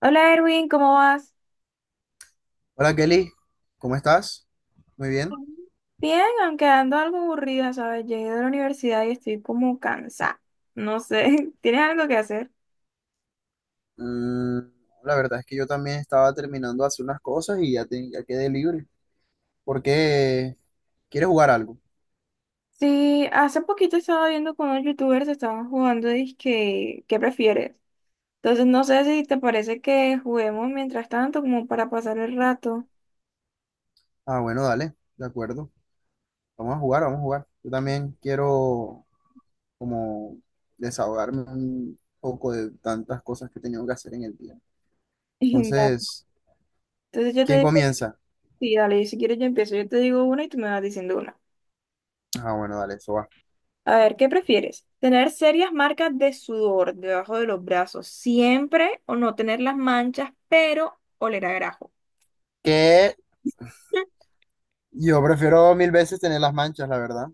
Hola Erwin, ¿cómo vas? Hola Kelly, ¿cómo estás? Muy bien. Bien, aunque ando algo aburrida, ¿sabes? Llegué de la universidad y estoy como cansada. No sé, ¿tienes algo que hacer? Mm, la verdad es que yo también estaba terminando de hacer unas cosas y ya, ya quedé libre. ¿Por qué? ¿Quieres jugar algo? Sí, hace poquito estaba viendo con unos youtubers, estaban jugando disque, ¿qué prefieres? Entonces no sé si te parece que juguemos mientras tanto como para pasar el rato. Ah, bueno, dale, de acuerdo. Vamos a jugar, vamos a jugar. Yo también quiero como desahogarme un poco de tantas cosas que he tenido que hacer en el día. Dale. Entonces, Entonces yo te ¿quién digo, comienza? sí, dale, y si quieres yo empiezo, yo te digo una y tú me vas diciendo una. Ah, bueno, dale, eso va. A ver, ¿qué prefieres? ¿Tener serias marcas de sudor debajo de los brazos siempre o no tener las manchas, pero oler a grajo? Que yo prefiero mil veces tener las manchas, la verdad.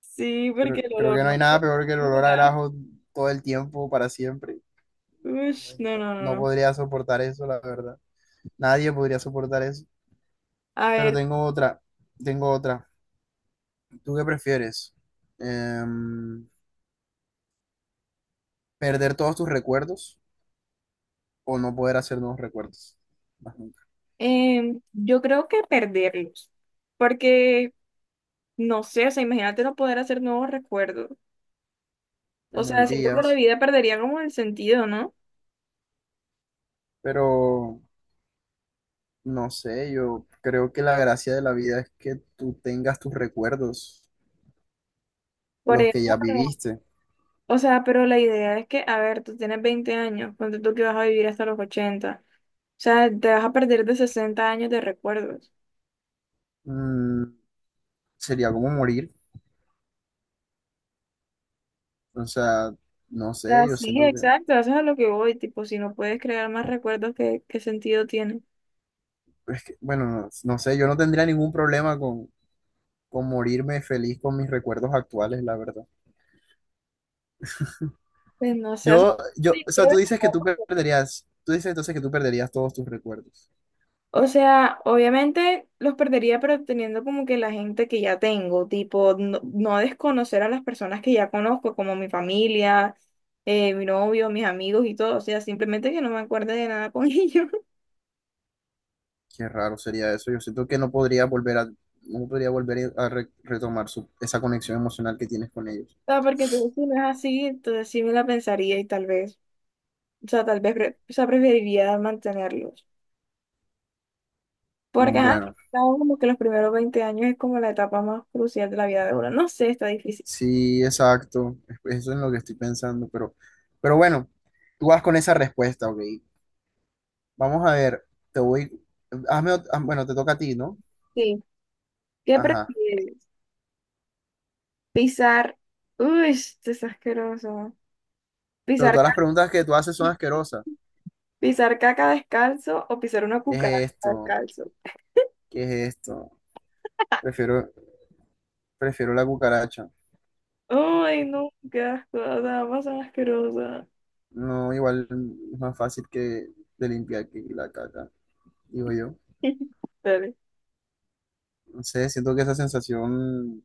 Sí, porque Creo, el creo que olor no hay no. nada peor que el olor a Hola. grajo todo el tiempo, para siempre. No, Ush, no, no, no, no no. podría soportar eso, la verdad. Nadie podría soportar eso. A Pero ver, tengo otra, tengo otra. ¿Tú qué prefieres? Em, ¿Perder todos tus recuerdos o no poder hacer nuevos recuerdos? Más nunca. Yo creo que perderlos, porque no sé, o sea, imagínate no poder hacer nuevos recuerdos. Te O sea, siento que la morirías. vida perdería como el sentido, ¿no? Pero no sé, yo creo que la gracia de la vida es que tú tengas tus recuerdos, Por los que ya ejemplo, viviste. o sea, pero la idea es que, a ver, tú tienes 20 años, ponte tú que vas a vivir hasta los 80. O sea, te vas a perder de 60 años de recuerdos. Mm, sería como morir. O sea, no O sea, sé, yo sí, siento que, exacto, eso es a lo que voy, tipo, si no puedes crear más recuerdos, ¿qué sentido tiene? es que, bueno, no, no sé, yo no tendría ningún problema con, morirme feliz con mis recuerdos actuales, la verdad. Pues no sé, o sea, Yo, sí, yo, o sea, creo que tú dices que tú recuerdo, perderías, tú dices entonces que tú perderías todos tus recuerdos. o sea, obviamente los perdería, pero teniendo como que la gente que ya tengo, tipo, no, no desconocer a las personas que ya conozco, como mi familia, mi novio, mis amigos y todo, o sea, simplemente que no me acuerde de nada con ellos. Qué raro sería eso. Yo siento que no podría volver a retomar esa conexión emocional que tienes con ellos. O sea, porque entonces si no es así, entonces sí me la pensaría y tal vez. O sea, tal vez, o sea, preferiría mantenerlos. Porque, Mm, ajá, al fin bueno, y al cabo, como que los primeros 20 años es como la etapa más crucial de la vida de uno. No sé, está difícil. sí, exacto. Eso es lo que estoy pensando, pero bueno, tú vas con esa respuesta, ok. Vamos a ver, te voy, ah, bueno, te toca a ti, ¿no? Sí. ¿Qué Ajá. prefieres? Pisar. Uy, esto es asqueroso. Pero Pisar, todas ca- las preguntas que tú haces son asquerosas. pisar caca descalzo o pisar una ¿Qué es cucaracha esto? descalzo. ¿Qué es esto? Prefiero, prefiero la cucaracha. Ay, no, qué asco. O sea, ambas son asquerosas. No, igual es más fácil que de limpiar que la caca, digo yo. Dale. No sé, siento que esa sensación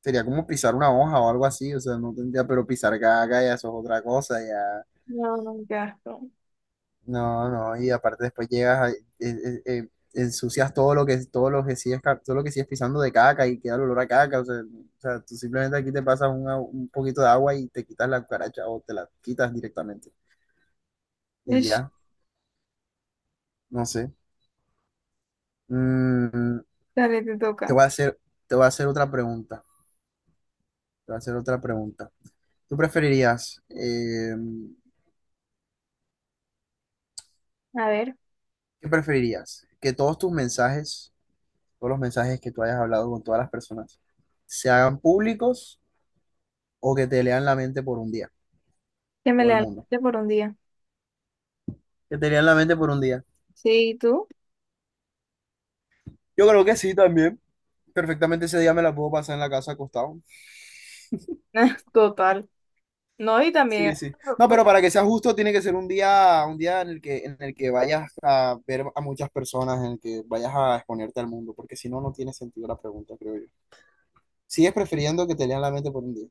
sería como pisar una hoja o algo así, o sea, no tendría, pero pisar caca ya eso es otra cosa, ya. No, no, qué asco. No, no, y aparte después llegas, ensucias todo lo que, todo lo que sigues pisando de caca y queda el olor a caca, o sea, tú simplemente aquí te pasas un poquito de agua y te quitas la cucaracha o te la quitas directamente y Ush, ya, no sé. Mm, dale, te te toca. voy a hacer, te voy a hacer otra pregunta, te voy a hacer otra pregunta. ¿Tú preferirías, eh, A ver, qué preferirías? ¿Que todos tus mensajes, todos los mensajes que tú hayas hablado con todas las personas, se hagan públicos? O que te lean la mente por un día, que me todo el lea el mundo. por un día. Que te lean la mente por un día. Sí, ¿y tú? Yo creo que sí también. Perfectamente ese día me la puedo pasar en la casa acostado. Total. No, y Sí, también, sí. No, pero para que sea justo tiene que ser un día en el que, vayas a ver a muchas personas, en el que vayas a exponerte al mundo, porque si no, no tiene sentido la pregunta, creo yo. Sigues prefiriendo que te lean la mente por un día.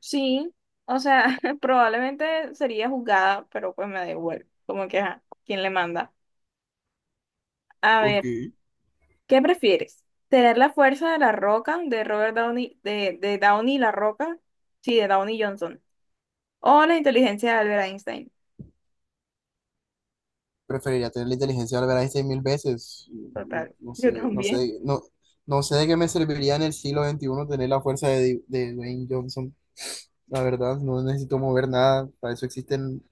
sí, o sea, probablemente sería juzgada, pero pues me da igual, como que, ajá, ¿quién le manda? A Ok. ver, ¿qué prefieres? ¿Tener la fuerza de la Roca, de Robert Downey, de Downey la Roca? Sí, de Downey Johnson. ¿O la inteligencia de Albert Einstein? Preferiría tener la inteligencia de Albert Einstein mil veces. No, Total, no sé, yo no también. sé, no, no sé de qué me serviría en el siglo XXI tener la fuerza de Dwayne Johnson. La verdad, no necesito mover nada. Para eso existen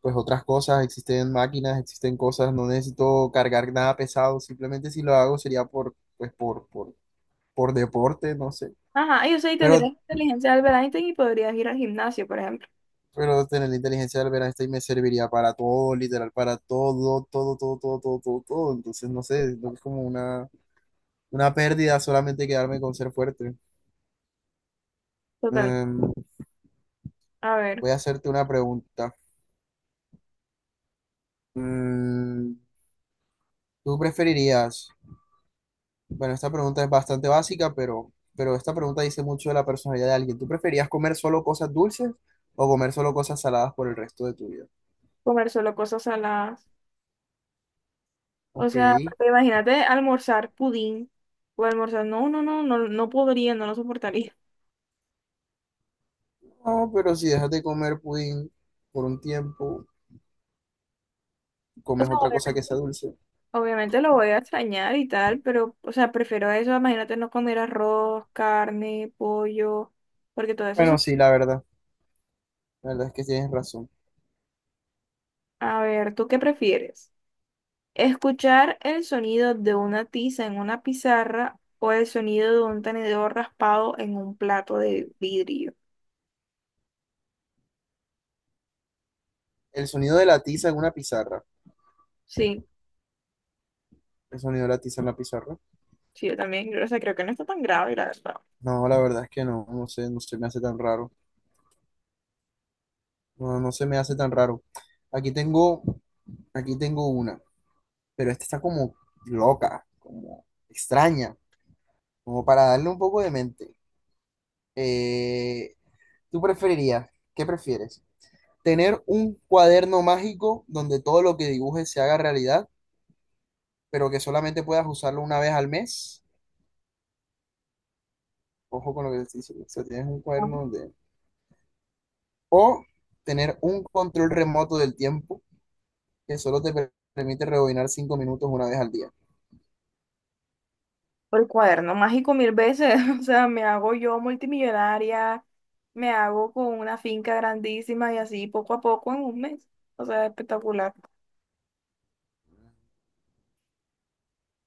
pues otras cosas, existen máquinas, existen cosas. No necesito cargar nada pesado. Simplemente si lo hago sería por pues por deporte, no sé. Ajá, yo sé, y tendrías la Pero inteligencia de Albert Einstein y podrías ir al gimnasio, por ejemplo. pero tener la inteligencia del Einstein me serviría para todo, literal, para todo, todo, todo, todo, todo, todo, todo. Entonces, no sé, creo es como una, pérdida solamente quedarme con ser fuerte. Total, Em, a ver, voy a hacerte una pregunta. Mm, ¿Tú preferirías? Bueno, esta pregunta es bastante básica, pero esta pregunta dice mucho de la personalidad de alguien. ¿Tú preferías comer solo cosas dulces o comer solo cosas saladas por el resto de tu vida? comer solo cosas saladas. O Ok. sea, imagínate almorzar pudín. O almorzar, no, no, no, no, no podría, no lo soportaría. No, pero si dejas de comer pudín por un tiempo, O comes sea, otra cosa que sea obviamente, dulce. obviamente lo voy a extrañar y tal, pero, o sea, prefiero eso, imagínate no comer arroz, carne, pollo, porque todo eso. Bueno, sí, la verdad. La verdad es que tienes razón. A ver, ¿tú qué prefieres? ¿Escuchar el sonido de una tiza en una pizarra o el sonido de un tenedor raspado en un plato de vidrio? El sonido de la tiza en una pizarra. Sí, ¿El sonido de la tiza en la pizarra? sí, yo también, o sea, creo que no está tan grave, la verdad. No, la verdad es que no. No sé, no se me hace tan raro. No, no se me hace tan raro. Aquí tengo, aquí tengo una. Pero esta está como loca, como extraña, como para darle un poco de mente. Eh, ¿tú preferirías, qué prefieres? ¿Tener un cuaderno mágico donde todo lo que dibujes se haga realidad, pero que solamente puedas usarlo una vez al mes? Ojo con lo que te estoy diciendo, o sea, tienes un cuaderno donde. O tener un control remoto del tiempo que solo te permite rebobinar 5 minutos una vez al día. Por el cuaderno mágico mil veces, o sea, me hago yo multimillonaria, me hago con una finca grandísima y así poco a poco en un mes, o sea, espectacular.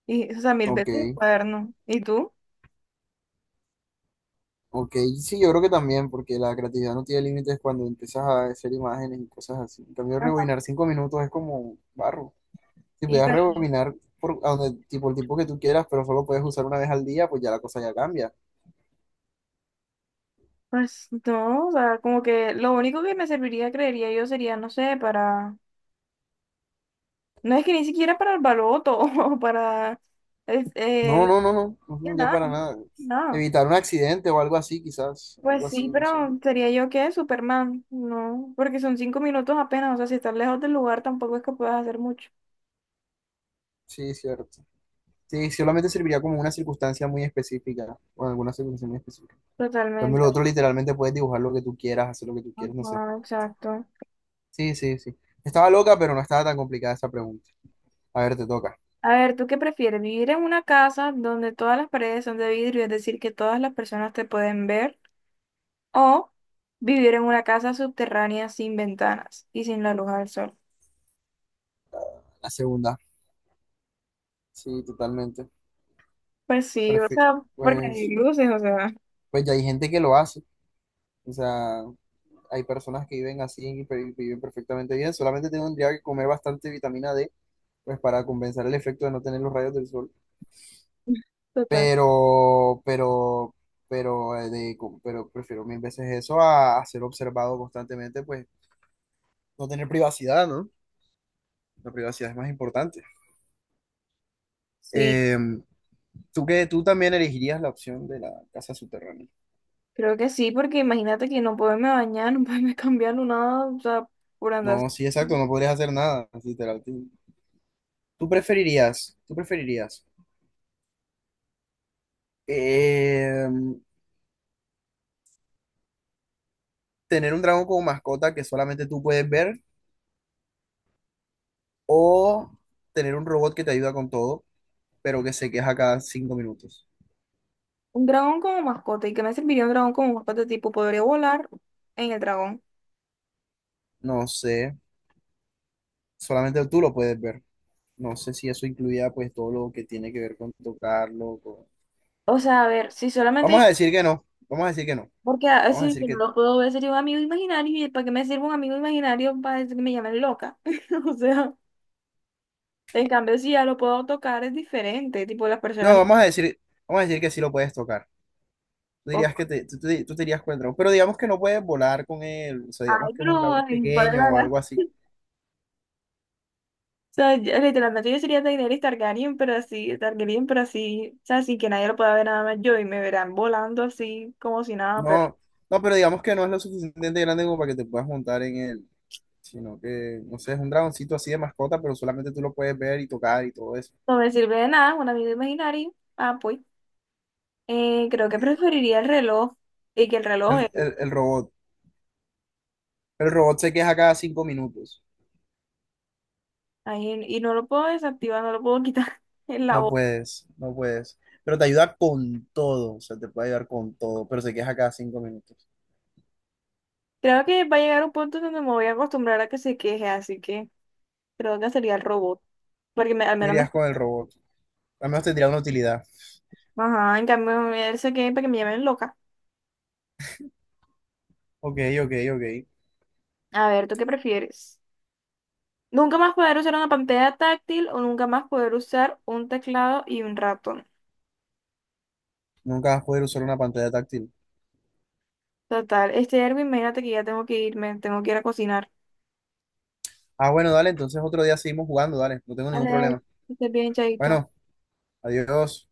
Y, o sea, mil Ok. veces el cuaderno. ¿Y tú? Ok, sí, yo creo que también, porque la creatividad no tiene límites cuando empiezas a hacer imágenes y cosas así. En cambio, Ajá. rebobinar 5 minutos es como barro. Si Y pudieras pa- rebobinar por a donde, tipo el tiempo que tú quieras, pero solo puedes usar una vez al día, pues ya la cosa ya cambia. pues no, o sea, como que lo único que me serviría, creería yo, sería, no sé, para, no es que ni siquiera para el baloto o para, es- eh, No, la- no, no, no, ujú, ya nada, para nada. nada. Evitar un accidente o algo así, quizás, Pues algo sí, así, no sé. pero sería yo que Superman, no, porque son 5 minutos apenas, o sea, si estás lejos del lugar tampoco es que puedas hacer mucho. Sí, cierto. Sí, solamente serviría como una circunstancia muy específica, o en alguna circunstancia muy específica. En cambio, Totalmente. lo otro literalmente puedes dibujar lo que tú quieras, hacer lo que tú quieras, no sé. Ajá, exacto. Sí, sí, sí. Estaba loca, pero no estaba tan complicada esa pregunta. A ver, te toca. A ver, ¿tú qué prefieres? ¿Vivir en una casa donde todas las paredes son de vidrio, es decir, que todas las personas te pueden ver? ¿O vivir en una casa subterránea sin ventanas y sin la luz del sol? La segunda. Sí, totalmente. Pues sí, o Prefi- sea, porque hay pues, luces, o sea, pues ya hay gente que lo hace. O sea, hay personas que viven así y viven perfectamente bien. Solamente tendría que comer bastante vitamina D, pues para compensar el efecto de no tener los rayos del sol. total. Pero, pero, pero prefiero mil veces eso a, ser observado constantemente, pues no tener privacidad, ¿no? La privacidad es más importante. Sí. Eh, Tú que tú también elegirías la opción de la casa subterránea. Creo que sí, porque imagínate que no poderme bañar, no poderme cambiar, no nada, o sea, por andar. No, sí, exacto, no podrías hacer nada, literal. Tú preferirías eh, tener un dragón como mascota que solamente tú puedes ver o tener un robot que te ayuda con todo, pero que se queja cada 5 minutos. Un dragón como mascota, ¿y qué me serviría un dragón como mascota? Tipo, podría volar en el dragón. No sé, solamente tú lo puedes ver. No sé si eso incluía pues todo lo que tiene que ver con tocarlo. O sea, a ver, si Vamos solamente, a decir que no, vamos a decir que no, porque vamos a si decir yo no que lo puedo ver, sería un amigo imaginario, ¿y para qué me sirve un amigo imaginario para decir que me llamen loca? O sea, en cambio, si ya lo puedo tocar, es diferente, tipo, las no, personas, vamos a decir que sí lo puedes tocar. Tú o- dirías que te, tú di- tú te irías con el dragón, pero digamos que no puedes volar con él, o sea, digamos ay, que es un pero, dragón ay, ¿cuál es pequeño la o gracia? algo así. O sea, literalmente yo sería Daenerys Targaryen, pero así, o sea, sin que nadie lo pueda ver nada más yo y me verán volando así como si nada, pero No, no, pero digamos que no es lo suficientemente grande como para que te puedas montar en él, sino que, no sé, es un dragoncito así de mascota, pero solamente tú lo puedes ver y tocar y todo eso. no me sirve de nada, un amigo imaginario. Ah, pues, creo que preferiría el reloj y que el reloj, El, el, el robot, el robot se queja cada 5 minutos. ahí, y no lo puedo desactivar, no lo puedo quitar en la No voz. puedes, no puedes. Pero te ayuda con todo, o sea, te puede ayudar con todo, pero se queja cada 5 minutos. Creo que va a llegar un punto donde me voy a acostumbrar a que se queje, así que creo que sería el robot, porque al Tú menos me... irías con el robot, al menos tendría una utilidad. Ajá, en cambio, él se queje para que me llamen loca. Ok, ok, ok. A ver, ¿tú qué prefieres? Nunca más poder usar una pantalla táctil o nunca más poder usar un teclado y un ratón. Nunca vas a poder usar una pantalla táctil. Total. Este Erwin, imagínate que ya tengo que irme, tengo que ir a cocinar. Ah, bueno, dale, entonces otro día seguimos jugando, dale, no tengo ningún Vale, problema. que estés bien, chaito. Bueno, adiós.